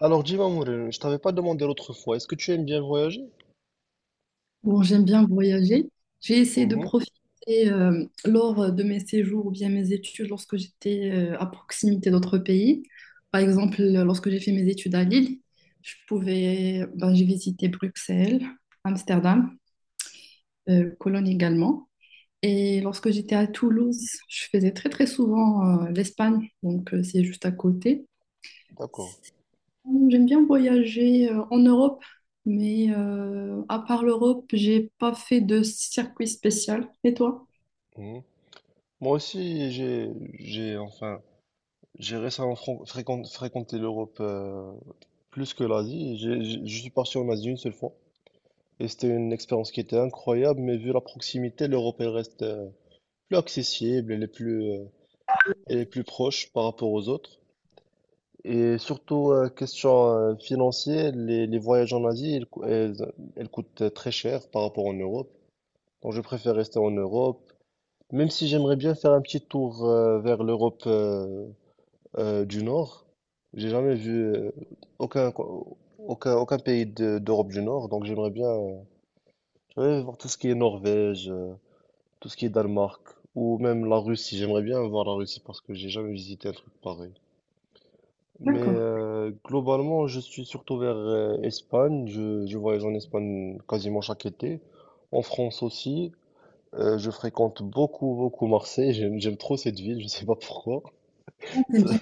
Alors dis-moi, Mourine, je t'avais pas demandé l'autre fois, est-ce que tu aimes bien voyager? Bon, j'aime bien voyager. J'ai essayé de Mhm, profiter lors de mes séjours ou bien mes études lorsque j'étais à proximité d'autres pays. Par exemple, lorsque j'ai fait mes études à Lille, je pouvais, ben, j'ai visité Bruxelles, Amsterdam, Cologne également. Et lorsque j'étais à Toulouse, je faisais très très souvent l'Espagne, donc c'est juste à côté. d'accord. J'aime bien voyager en Europe, mais à part l'Europe, j'ai pas fait de circuit spécial. Et toi? Mhm. Moi aussi, enfin, j'ai récemment fréquenté l'Europe, plus que l'Asie. Je suis parti en Asie une seule fois et c'était une expérience qui était incroyable, mais vu la proximité, l'Europe elle reste plus accessible, elle est plus proche par rapport aux autres. Et surtout, question financière, les voyages en Asie, elles coûtent très cher par rapport en Europe. Donc je préfère rester en Europe, même si j'aimerais bien faire un petit tour vers l'Europe du Nord. J'ai jamais vu aucun, co- aucun, aucun pays d'Europe du Nord, donc j'aimerais bien, ouais, voir tout ce qui est Norvège, tout ce qui est Danemark, ou même la Russie. J'aimerais bien voir la Russie parce que j'ai jamais visité un truc pareil. Mais D'accord. Globalement, je suis surtout vers Espagne. Je voyage en Espagne quasiment chaque été. En France aussi. Je fréquente beaucoup, beaucoup Marseille. J'aime trop cette ville. Je sais pas pourquoi. Ah, t'aimes bien.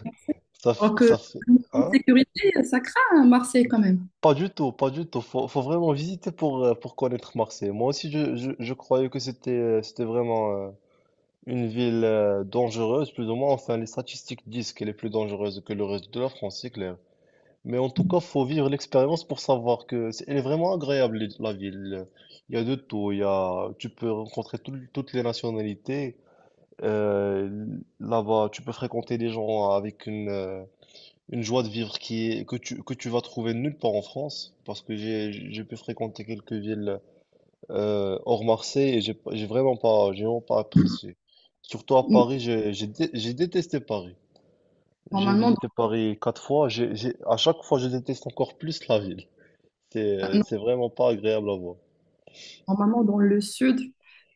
Alors que Ça fait, en hein? sécurité, ça craint à Marseille quand même. Pas du tout, pas du tout. Faut vraiment visiter pour connaître Marseille. Moi aussi, je croyais que c'était vraiment une ville dangereuse, plus ou moins. Enfin, les statistiques disent qu'elle est plus dangereuse que le reste de la France, c'est clair. Mais en tout cas, faut vivre l'expérience pour savoir que elle est vraiment agréable, la ville. Il y a de tout. Tu peux rencontrer toutes les nationalités. Là-bas, tu peux fréquenter des gens avec une joie de vivre que tu vas trouver nulle part en France, parce que j'ai pu fréquenter quelques villes hors Marseille et j'ai, pas- j'ai vraiment pas, j'ai vraiment pas apprécié. Surtout à Paris, j'ai détesté Paris. J'ai Normalement, visité Paris 4 fois, à chaque fois, je déteste encore plus la ville. C'est, dans, c'est vraiment pas agréable à voir. Dans le sud,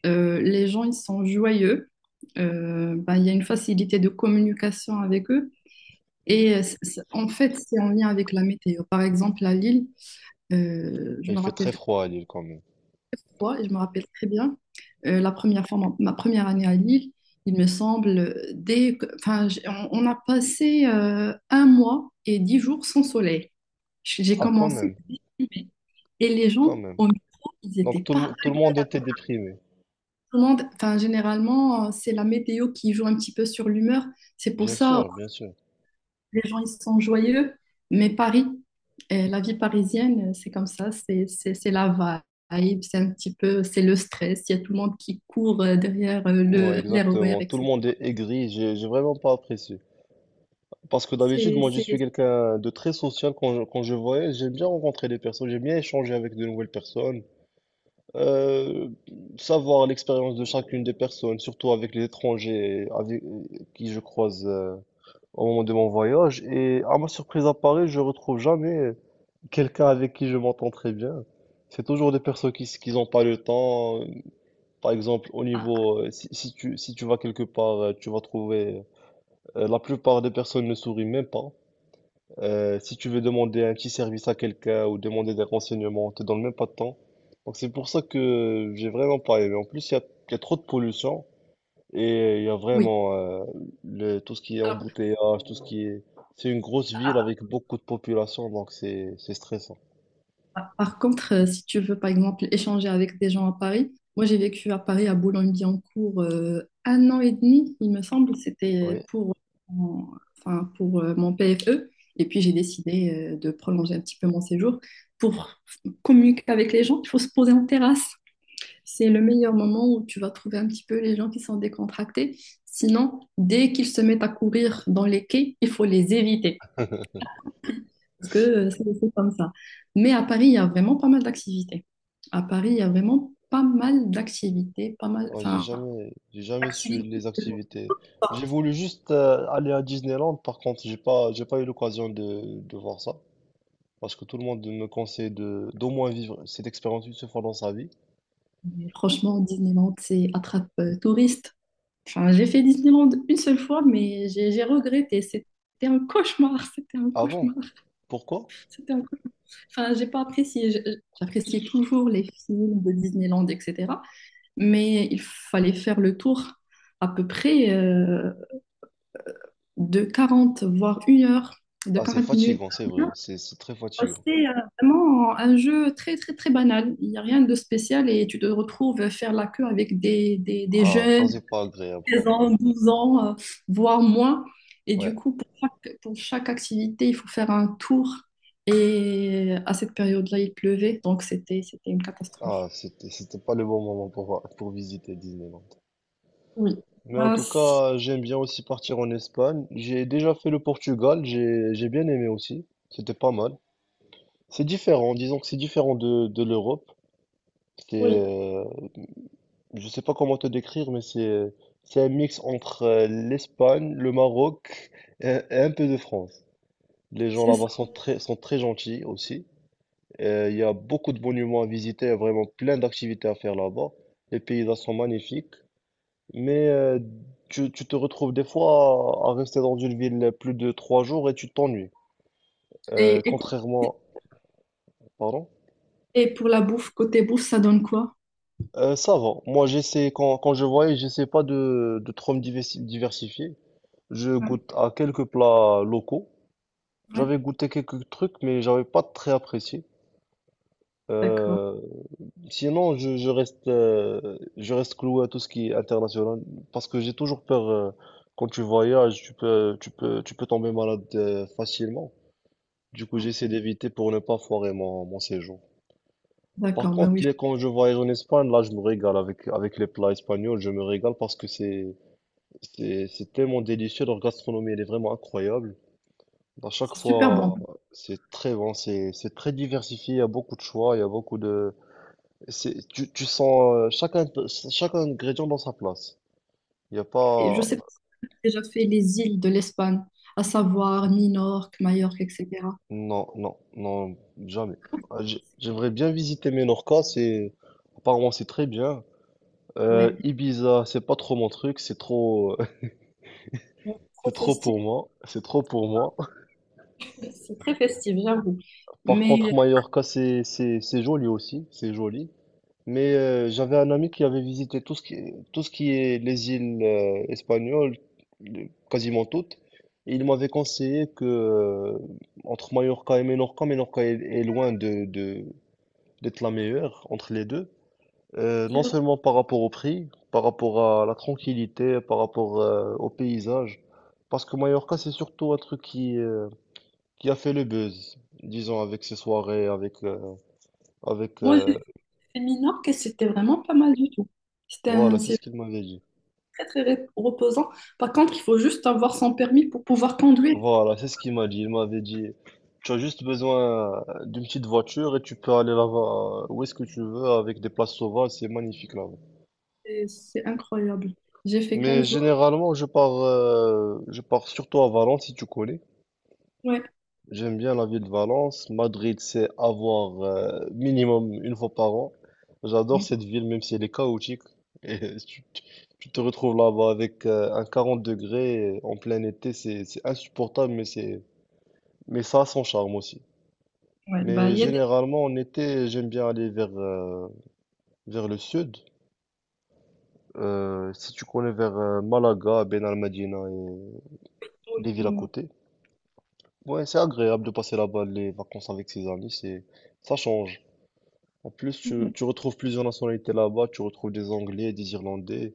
les gens ils sont joyeux. Bah, il y a une facilité de communication avec eux. Et en fait, c'est en lien avec la météo. Par exemple, à Lille, Et je il me fait rappelle très froid à Lille quand même. fois, et je me rappelle très bien, la première fois, ma première année à Lille, il me semble, enfin, on a passé un mois et 10 jours sans soleil. J'ai Ah, quand commencé, même, et les quand gens même. au micro, ils Donc n'étaient pas à tout la le monde était déprimé. commande. Enfin, généralement, c'est la météo qui joue un petit peu sur l'humeur. C'est pour Bien ça, sûr, bien sûr. les gens ils sont joyeux, mais Paris, la vie parisienne, c'est comme ça, c'est la vibe, c'est un petit peu, c'est le stress, il y a tout le monde qui court derrière Ouais, le l'RER, exactement. Tout le etc. monde est aigri. J'ai vraiment pas apprécié. Parce que d'habitude, C'est moi, je suis c'est- quelqu'un de très social quand je voyage. J'aime bien rencontrer des personnes. J'aime bien échanger avec de nouvelles personnes. Euh, Savoir l'expérience de chacune des personnes, surtout avec les étrangers avec qui je croise, au moment de mon voyage. Et à ma surprise à Paris, je retrouve jamais quelqu'un avec qui je m'entends très bien. C'est toujours des personnes qui n'ont pas le temps. Par exemple, au ah, niveau, si tu vas quelque part, la plupart des personnes ne sourient même pas. Si tu veux demander un petit service à quelqu'un ou demander des renseignements, on te donne même pas de temps. Donc c'est pour ça que j'ai vraiment pas aimé. En plus, il y a trop de pollution et il y a oui. vraiment, tout ce qui est Alors, embouteillage, tout ce qui est. C'est une grosse ville avec beaucoup de population, donc c'est stressant. Par par contre, si tu veux, par exemple, échanger avec des gens à Paris, moi j'ai vécu à Paris, à Boulogne-Billancourt, un an et demi, il me semble. C'était Oui. pour, mon- enfin, pour mon PFE. Et puis j'ai décidé de prolonger un petit peu mon séjour. Pour communiquer avec les gens, il faut se poser en terrasse. C'est le meilleur moment où tu vas trouver un petit peu les gens qui sont décontractés. Sinon, dès qu'ils se mettent à courir dans les quais, il faut les éviter parce que c'est comme ça. Mais à Paris, il y a vraiment pas mal d'activités. À Paris, il y a vraiment pas mal d'activités, pas mal, Ouais, enfin, j'ai jamais su activités. les activités. J'ai voulu juste aller à Disneyland, par contre, j'ai pas eu l'occasion de voir ça. Parce que tout le monde me conseille d'au moins vivre cette expérience une seule fois dans sa vie. Mais franchement, Disneyland, c'est attrape touriste. Enfin, j'ai fait Disneyland une seule fois, mais j'ai regretté. C'était un cauchemar, c'était un Avant. cauchemar, Pourquoi? c'était un cauchemar. Enfin, j'ai pas apprécié. J'appréciais toujours les films de Disneyland, etc. Mais il fallait faire le tour à peu près de 40, voire 1 heure, de Ah, c'est 40 minutes. fatigant, c'est vrai. C'est très Ah, fatigant. C'est vraiment un jeu très, très, très banal. Il n'y a rien de spécial et tu te retrouves faire la queue avec des Ah, ça, jeunes, c'est pas agréable quand 16 même. ans, 12 ans, voire moins. Et Ouais. du coup, pour chaque activité, il faut faire un tour. Et à cette période-là, il pleuvait, donc c'était une catastrophe. Ah, c'était pas le bon moment pour visiter Disneyland. Oui. Mais en Ah, tout si. cas, j'aime bien aussi partir en Espagne. J'ai déjà fait le Portugal, j'ai bien aimé aussi. C'était pas mal. C'est différent, disons que c'est différent de l'Europe. C'est, Oui, euh, je sais pas comment te décrire, mais c'est un mix entre l'Espagne, le Maroc et, un peu de France. Les gens c'est là-bas ça. Sont très gentils aussi. Il y a beaucoup de monuments à visiter, il y a vraiment plein d'activités à faire là-bas. Les paysages sont magnifiques, mais tu te retrouves des fois à rester dans une ville plus de 3 jours et tu t'ennuies. Euh, Et, et, contrairement, pardon? et pour la bouffe, côté bouffe, ça donne quoi? Ça va. Moi, j'essaie, quand je voyage, j'essaie pas de trop me diversifier. Je Ouais, goûte à quelques plats locaux. ouais. J'avais goûté quelques trucs, mais j'avais pas très apprécié. D'accord. Euh, Sinon, je reste cloué à tout ce qui est international, parce que j'ai toujours peur, quand tu voyages, tu peux tomber malade, facilement. Du coup, Ouais. j'essaie d'éviter pour ne pas foirer mon séjour. Par D'accord, ben contre, oui, quand je voyage en Espagne, là, je me régale avec les plats espagnols, je me régale parce que c'est tellement délicieux, leur gastronomie, elle est vraiment incroyable. À chaque c'est super bon. fois, c'est très bon, c'est très diversifié, il y a beaucoup de choix, il y a beaucoup de. Tu, tu sens chaque ingrédient dans sa place. Il n'y a Et je pas. sais pas si tu as déjà fait les îles de l'Espagne, à savoir Minorque, Majorque, etc. Non, non, non, jamais. Ouais. Ah, j'aimerais bien visiter Menorca, c'est. Apparemment, c'est très bien. Ouais, Ibiza, c'est pas trop mon truc, c'est trop. Bon, Trop C'est trop festif, pour moi, c'est trop pour moi. c'est très festif, j'avoue. Par Mais contre, Mallorca, c'est joli aussi, c'est joli. Mais j'avais un ami qui avait visité tout ce qui est les îles, espagnoles, quasiment toutes. Et il m'avait conseillé que entre Mallorca et Menorca, Menorca est loin d'être la meilleure entre les deux. C'est Non vrai, seulement par rapport au prix, par rapport à la tranquillité, par rapport au paysage. Parce que Mallorca, c'est surtout un truc qui a fait le buzz, disons, avec ses soirées, avec, avec moi, j'ai fait Minorque et c'était vraiment pas mal du tout. Voilà, c'est C'est ce qu'il m'avait dit. très, très, reposant. Par contre, il faut juste avoir son permis pour pouvoir conduire. Voilà, c'est ce qu'il m'a dit. Il m'avait dit, tu as juste besoin d'une petite voiture et tu peux aller là-bas où est-ce que tu veux avec des places sauvages, c'est magnifique là-bas. C'est incroyable. J'ai fait Mais 15 jours. généralement, je pars surtout à Valence si tu connais. Ouais, J'aime bien la ville de Valence. Madrid, c'est à voir minimum une fois par an. J'adore ouais, cette ville, même si elle est chaotique. Et tu te retrouves là-bas avec un 40 degrés en plein été, c'est insupportable, mais c'est mais ça a son charme aussi. ouais. Bah, Mais il y a des généralement, en été, j'aime bien aller vers le sud. Si tu connais vers Malaga, Ben Al-Madina et tours. les villes à Ouais, côté. Ouais, c'est agréable de passer là-bas les vacances avec ses amis, ça change. En plus, ouais. tu retrouves plusieurs nationalités là-bas, tu retrouves des Anglais, des Irlandais.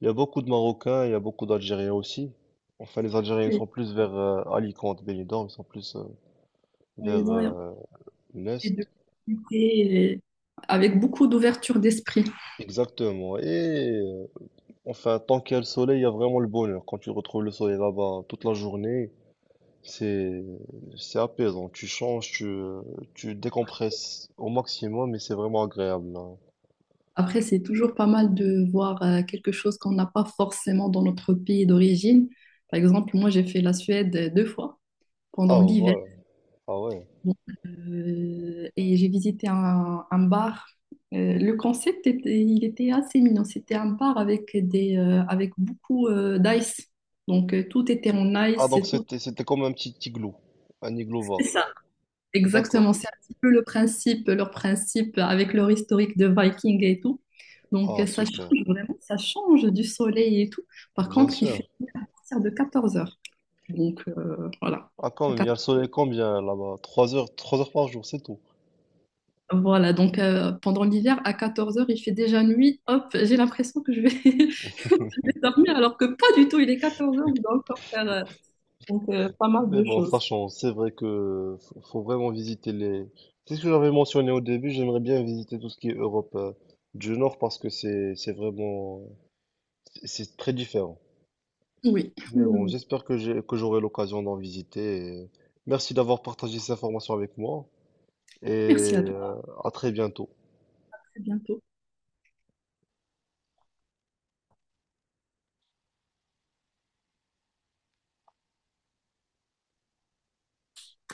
Il y a beaucoup de Marocains, il y a beaucoup d'Algériens aussi. Enfin, les Algériens Et, sont plus vers Alicante, Benidorm, ils sont plus euh, vers Ils ont des deux l'Est. activités. Et, avec beaucoup d'ouverture d'esprit. Exactement. Enfin, tant qu'il y a le soleil, il y a vraiment le bonheur. Quand tu retrouves le soleil là-bas toute la journée, c'est c'est apaisant. Tu changes, tu décompresses au maximum et c'est vraiment agréable, hein. Après, c'est toujours pas mal de voir quelque chose qu'on n'a pas forcément dans notre pays d'origine. Par exemple, moi, j'ai fait la Suède deux fois Ah pendant l'hiver. voilà, ah ouais. Donc, et j'ai visité un bar. Le concept était, il était assez mignon. C'était un bar avec avec beaucoup d'ice. Donc, tout était en Ah ice, donc tout. c'était comme un petit igloo, un igloo bar. D'accord. Exactement, c'est un petit peu le principe, leur principe avec leur historique de Viking et tout. Donc Ah ça super, change vraiment, ça change du soleil et tout. Par bien contre, il fait sûr. partir de 14 heures. Donc voilà. Ah quand À même, il y a le 14 soleil combien là-bas? Trois heures, 3 heures par jour, c'est tout. Voilà, donc pendant l'hiver, à 14 heures, il fait déjà nuit. Hop, j'ai l'impression que je vais, je vais dormir alors que pas du tout, il est 14 heures, on doit encore faire donc, pas mal Mais de bon, choses. sachant, c'est vrai que faut vraiment visiter les. C'est ce que j'avais mentionné au début, j'aimerais bien visiter tout ce qui est Europe, du Nord, parce que c'est très différent. Oui, Oui, Mais oui. bon, oui. j'espère que j'ai que j'aurai l'occasion d'en visiter. Et merci d'avoir partagé ces informations avec moi et, Merci à toi, à très bientôt. à bientôt.